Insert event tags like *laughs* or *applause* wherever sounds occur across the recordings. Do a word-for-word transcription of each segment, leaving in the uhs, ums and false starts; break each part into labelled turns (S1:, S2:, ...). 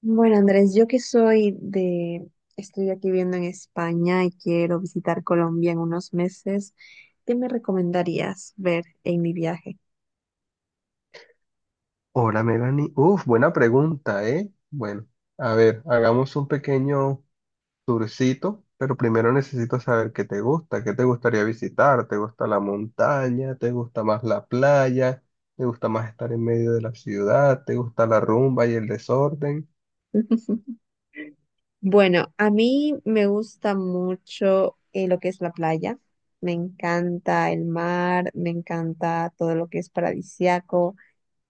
S1: Bueno, Andrés, yo que soy de, estoy aquí viviendo en España y quiero visitar Colombia en unos meses, ¿qué me recomendarías ver en mi viaje?
S2: Hola Melanie, uf, buena pregunta, ¿eh? Bueno, a ver, hagamos un pequeño tourcito, pero primero necesito saber qué te gusta, qué te gustaría visitar, ¿te gusta la montaña? ¿Te gusta más la playa? ¿Te gusta más estar en medio de la ciudad? ¿Te gusta la rumba y el desorden?
S1: *laughs* Bueno, a mí me gusta mucho eh, lo que es la playa, me encanta el mar, me encanta todo lo que es paradisiaco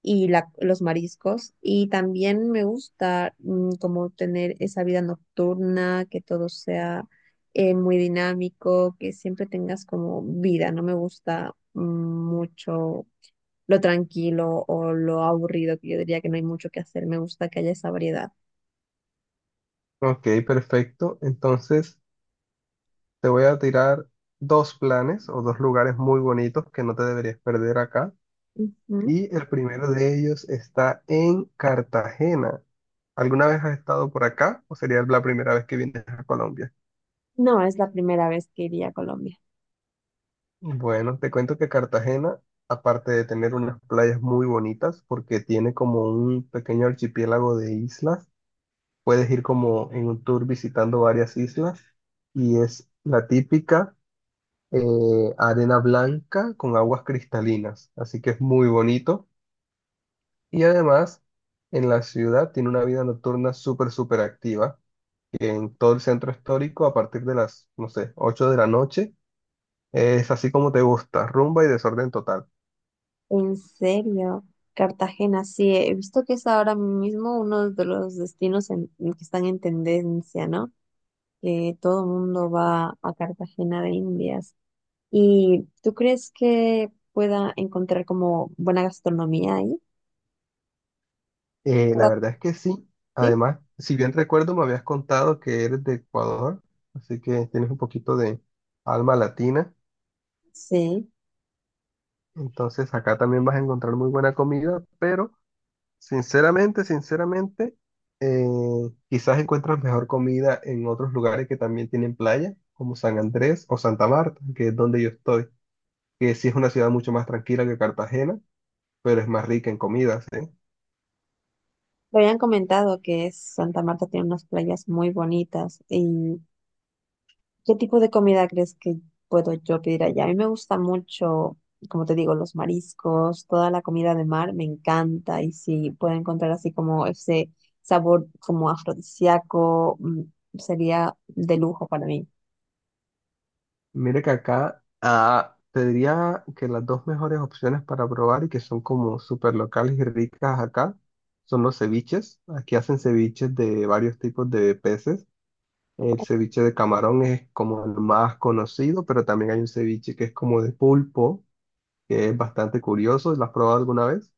S1: y la- los mariscos. Y también me gusta mm, como tener esa vida nocturna, que todo sea eh, muy dinámico, que siempre tengas como vida. No me gusta mm, mucho lo tranquilo o lo aburrido, que yo diría que no hay mucho que hacer. Me gusta que haya esa variedad.
S2: Ok, perfecto. Entonces, te voy a tirar dos planes o dos lugares muy bonitos que no te deberías perder acá.
S1: Ujú.
S2: Y el primero de ellos está en Cartagena. ¿Alguna vez has estado por acá o sería la primera vez que vienes a Colombia?
S1: No, es la primera vez que iría a Colombia.
S2: Bueno, te cuento que Cartagena, aparte de tener unas playas muy bonitas, porque tiene como un pequeño archipiélago de islas, puedes ir como en un tour visitando varias islas y es la típica eh, arena blanca con aguas cristalinas, así que es muy bonito y además en la ciudad tiene una vida nocturna súper, súper activa. En todo el centro histórico a partir de las, no sé, ocho de la noche. Es así como te gusta, rumba y desorden total.
S1: En serio, Cartagena, sí, he visto que es ahora mismo uno de los destinos en- que están en tendencia, ¿no? Que todo el mundo va a Cartagena de Indias. ¿Y tú crees que pueda encontrar como buena gastronomía ahí?
S2: Eh, la
S1: La-
S2: verdad es que sí.
S1: Sí,
S2: Además, si bien recuerdo, me habías contado que eres de Ecuador, así que tienes un poquito de alma latina.
S1: sí.
S2: Entonces, acá también vas a encontrar muy buena comida, pero sinceramente, sinceramente, eh, quizás encuentras mejor comida en otros lugares que también tienen playa, como San Andrés o Santa Marta, que es donde yo estoy. Que sí es una ciudad mucho más tranquila que Cartagena, pero es más rica en comidas, ¿eh?
S1: Me habían comentado que es- Santa Marta tiene unas playas muy bonitas. ¿Y qué tipo de comida crees que puedo yo pedir allá? A mí me gusta mucho, como te digo, los mariscos, toda la comida de mar, me encanta. Y si puedo encontrar así como ese sabor como afrodisíaco, mm, sería de lujo para mí.
S2: Mire que acá ah, te diría que las dos mejores opciones para probar y que son como súper locales y ricas acá son los ceviches. Aquí hacen ceviches de varios tipos de peces. El ceviche de camarón es como el más conocido, pero también hay un ceviche que es como de pulpo, que es bastante curioso. ¿Lo has probado alguna vez?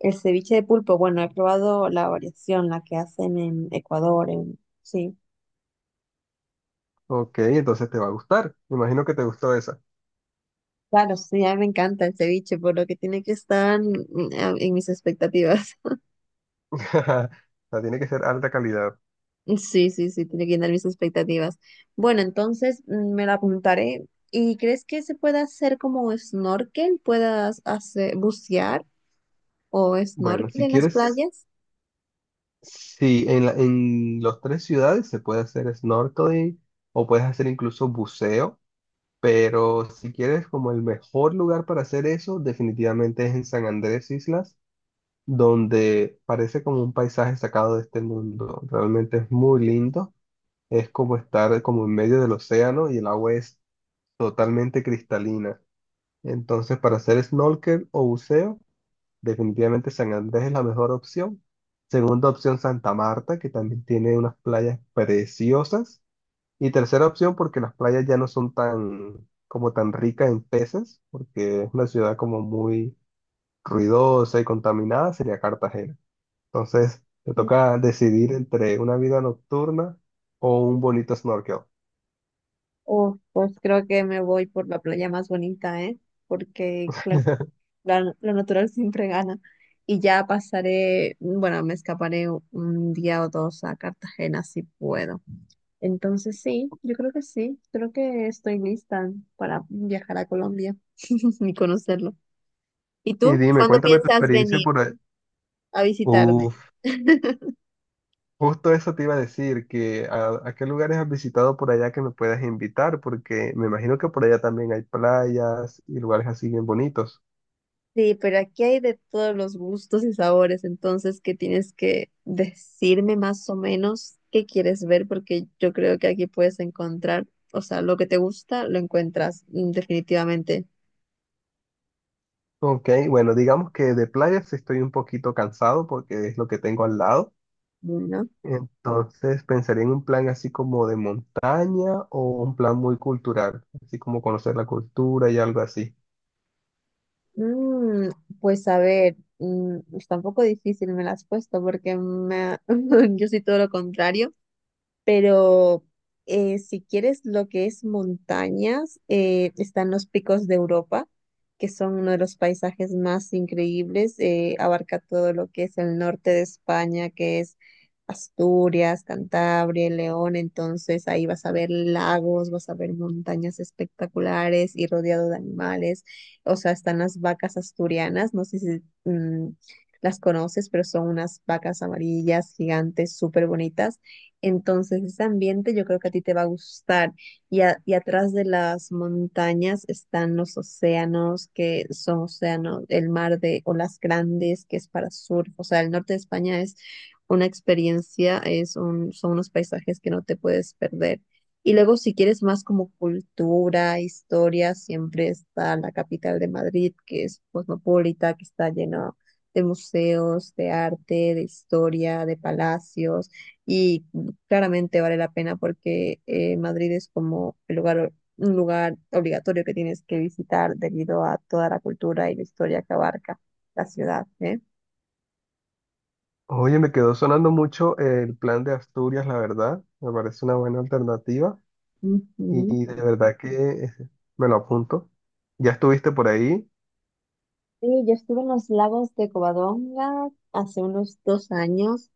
S1: El ceviche de pulpo, bueno, he probado la variación, la que hacen en Ecuador, en... sí.
S2: Ok, entonces te va a gustar. Me imagino que te gustó esa.
S1: Claro, sí, a mí me encanta el ceviche, por lo que tiene que estar mm, a- en mis expectativas.
S2: *laughs* O sea, tiene que ser alta calidad.
S1: *laughs* Sí, sí, sí, tiene que llenar mis expectativas. Bueno, entonces mm, me la apuntaré. ¿Y crees que se pueda hacer como snorkel? ¿Puedas hacer bucear o
S2: Bueno,
S1: snorkel
S2: si
S1: en las
S2: quieres,
S1: playas?
S2: sí, en la, en las tres ciudades se puede hacer snorkeling o puedes hacer incluso buceo, pero si quieres como el mejor lugar para hacer eso, definitivamente es en San Andrés Islas, donde parece como un paisaje sacado de este mundo. Realmente es muy lindo, es como estar como en medio del océano y el agua es totalmente cristalina. Entonces, para hacer snorkel o buceo, definitivamente San Andrés es la mejor opción. Segunda opción, Santa Marta, que también tiene unas playas preciosas. Y tercera opción, porque las playas ya no son tan, como tan ricas en peces, porque es una ciudad como muy ruidosa y contaminada, sería Cartagena. Entonces, te toca decidir entre una vida nocturna o un bonito snorkel.
S1: O pues creo que me voy por la playa más bonita, ¿eh? Porque
S2: *laughs*
S1: la- lo natural siempre gana. Y ya pasaré, bueno, me escaparé u- un día o dos a Cartagena si puedo. Entonces sí, yo creo que sí, creo que estoy lista para viajar a Colombia *laughs* y conocerlo. ¿Y
S2: Y
S1: tú?
S2: dime,
S1: ¿Cuándo
S2: cuéntame tu
S1: piensas
S2: experiencia
S1: venir
S2: por ahí.
S1: a visitarme?
S2: Uf.
S1: *laughs*
S2: Justo eso te iba a decir, que a, a qué lugares has visitado por allá que me puedas invitar, porque me imagino que por allá también hay playas y lugares así bien bonitos.
S1: Sí, pero aquí hay de todos los gustos y sabores, entonces que tienes que decirme más o menos qué quieres ver, porque yo creo que aquí puedes encontrar, o sea, lo que te gusta lo encuentras mm, definitivamente,
S2: Ok, bueno, digamos que de playas estoy un poquito cansado porque es lo que tengo al lado.
S1: ¿no?
S2: Entonces pensaría en un plan así como de montaña o un plan muy cultural, así como conocer la cultura y algo así.
S1: Mm, pues a ver, mm, está un poco difícil me la has puesto porque me ha- *laughs* yo soy todo lo contrario. Pero eh, si quieres lo que es montañas, eh, están los picos de Europa, que son uno de los paisajes más increíbles. Eh, abarca todo lo que es el norte de España, que es Asturias, Cantabria, León. Entonces ahí vas a ver lagos, vas a ver montañas espectaculares y rodeado de animales. O sea, están las vacas asturianas. No sé si mm, las conoces, pero son unas vacas amarillas gigantes, súper bonitas. Entonces, ese ambiente yo creo que a ti te va a gustar. Y, a- y atrás de las montañas están los océanos, que son océanos, el mar de olas grandes, que es para surf. O sea, el norte de España es una experiencia, es un, son unos paisajes que no te puedes perder. Y luego, si quieres más como cultura, historia, siempre está la capital de Madrid, que es cosmopolita, que está lleno de museos, de arte, de historia, de palacios. Y claramente vale la pena porque eh, Madrid es como el lugar, un lugar obligatorio que tienes que visitar debido a toda la cultura y la historia que abarca la ciudad, ¿eh?
S2: Oye, me quedó sonando mucho el plan de Asturias, la verdad. Me parece una buena alternativa.
S1: Ujú.
S2: Y de verdad que eh, me lo apunto. Ya estuviste por ahí.
S1: Sí, yo estuve en los lagos de Covadonga hace unos dos años.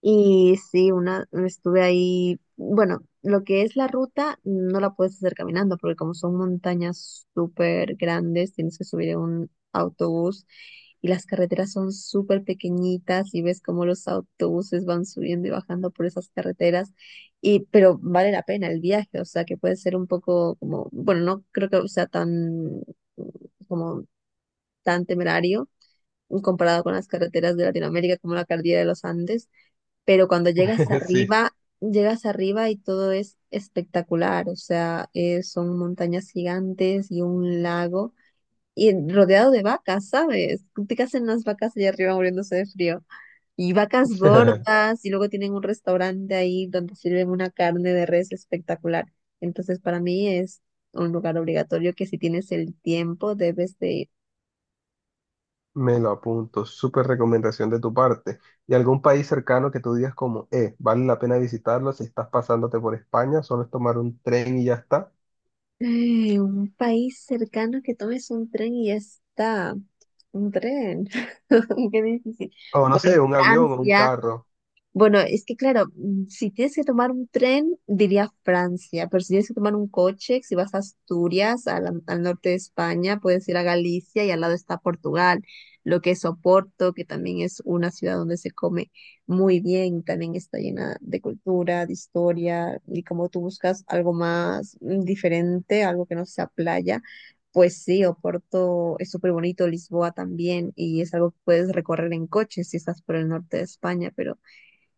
S1: Y sí, una, estuve ahí, bueno, lo que es la ruta no la puedes hacer caminando porque como son montañas súper grandes, tienes que subir en un autobús y las carreteras son súper pequeñitas y ves cómo los autobuses van subiendo y bajando por esas carreteras y pero vale la pena el viaje, o sea, que puede ser un poco como, bueno, no creo que sea tan como tan temerario comparado con las carreteras de Latinoamérica como la cordillera de los Andes, pero cuando llegas
S2: *laughs* Sí.
S1: arriba, llegas arriba y todo es espectacular, o sea, eh, son montañas gigantes y un lago y rodeado de vacas, ¿sabes? ¿Qué hacen las vacas allá arriba muriéndose de frío? Y vacas
S2: *laughs*
S1: gordas y luego tienen un restaurante ahí donde sirven una carne de res espectacular. Entonces, para mí es un lugar obligatorio que si tienes el tiempo debes de ir.
S2: Me lo apunto. Súper recomendación de tu parte. ¿Y algún país cercano que tú digas como, eh, vale la pena visitarlo si estás pasándote por España? Solo es tomar un tren y ya está.
S1: Eh, un país cercano que tomes un tren y ya está. Un tren. *laughs* Qué difícil.
S2: O no
S1: Bueno,
S2: sé, un avión o un
S1: Francia.
S2: carro.
S1: Bueno, es que claro, mm, si tienes que tomar un tren, diría Francia, pero si tienes que tomar un coche, si vas a Asturias, al, al norte de España, puedes ir a Galicia y al lado está Portugal, lo que es Oporto, que también es una ciudad donde se come muy bien, también está llena de cultura, de historia, y como tú buscas algo más mm, diferente, algo que no sea playa. Pues sí, Oporto es súper bonito, Lisboa también, y es algo que puedes recorrer en coche si estás por el norte de España, pero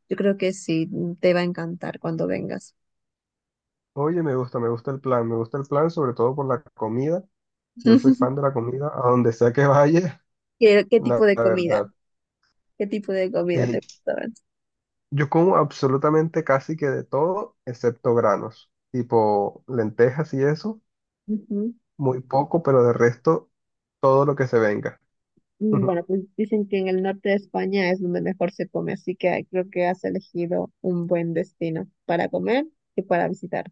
S1: yo creo que sí, te va a encantar cuando vengas.
S2: Oye, me gusta, me gusta el plan. Me gusta el plan sobre todo por la comida. Yo soy fan
S1: *laughs*
S2: de la comida. A donde sea que vaya,
S1: ¿Qué,
S2: *laughs*
S1: qué tipo
S2: la
S1: de
S2: la
S1: comida?
S2: verdad.
S1: ¿Qué tipo de comida te
S2: Eh,
S1: gusta más?
S2: Yo como absolutamente casi que de todo, excepto granos, tipo lentejas y eso,
S1: Ujú.
S2: muy poco, pero de resto todo lo que se venga.
S1: Mm,
S2: *laughs*
S1: Bueno, pues dicen que en el norte de España es donde mejor se come, así que creo que has elegido un buen destino para comer y para visitar.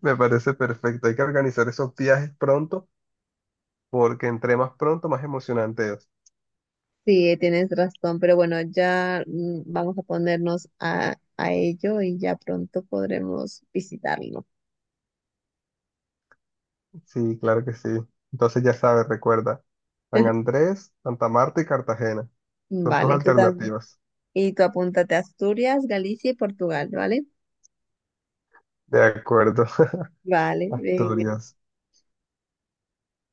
S2: Me parece perfecto. Hay que organizar esos viajes pronto, porque entre más pronto, más emocionante es.
S1: Sí, tienes razón, pero bueno, ya mm, vamos a ponernos a, a ello y ya pronto podremos visitarlo.
S2: Sí, claro que sí. Entonces ya sabes, recuerda, San Andrés, Santa Marta y Cartagena son tus
S1: Vale, tú tam-
S2: alternativas.
S1: Y tú apúntate a Asturias, Galicia y Portugal, ¿vale?
S2: De acuerdo, *laughs*
S1: Vale, venga.
S2: Asturias.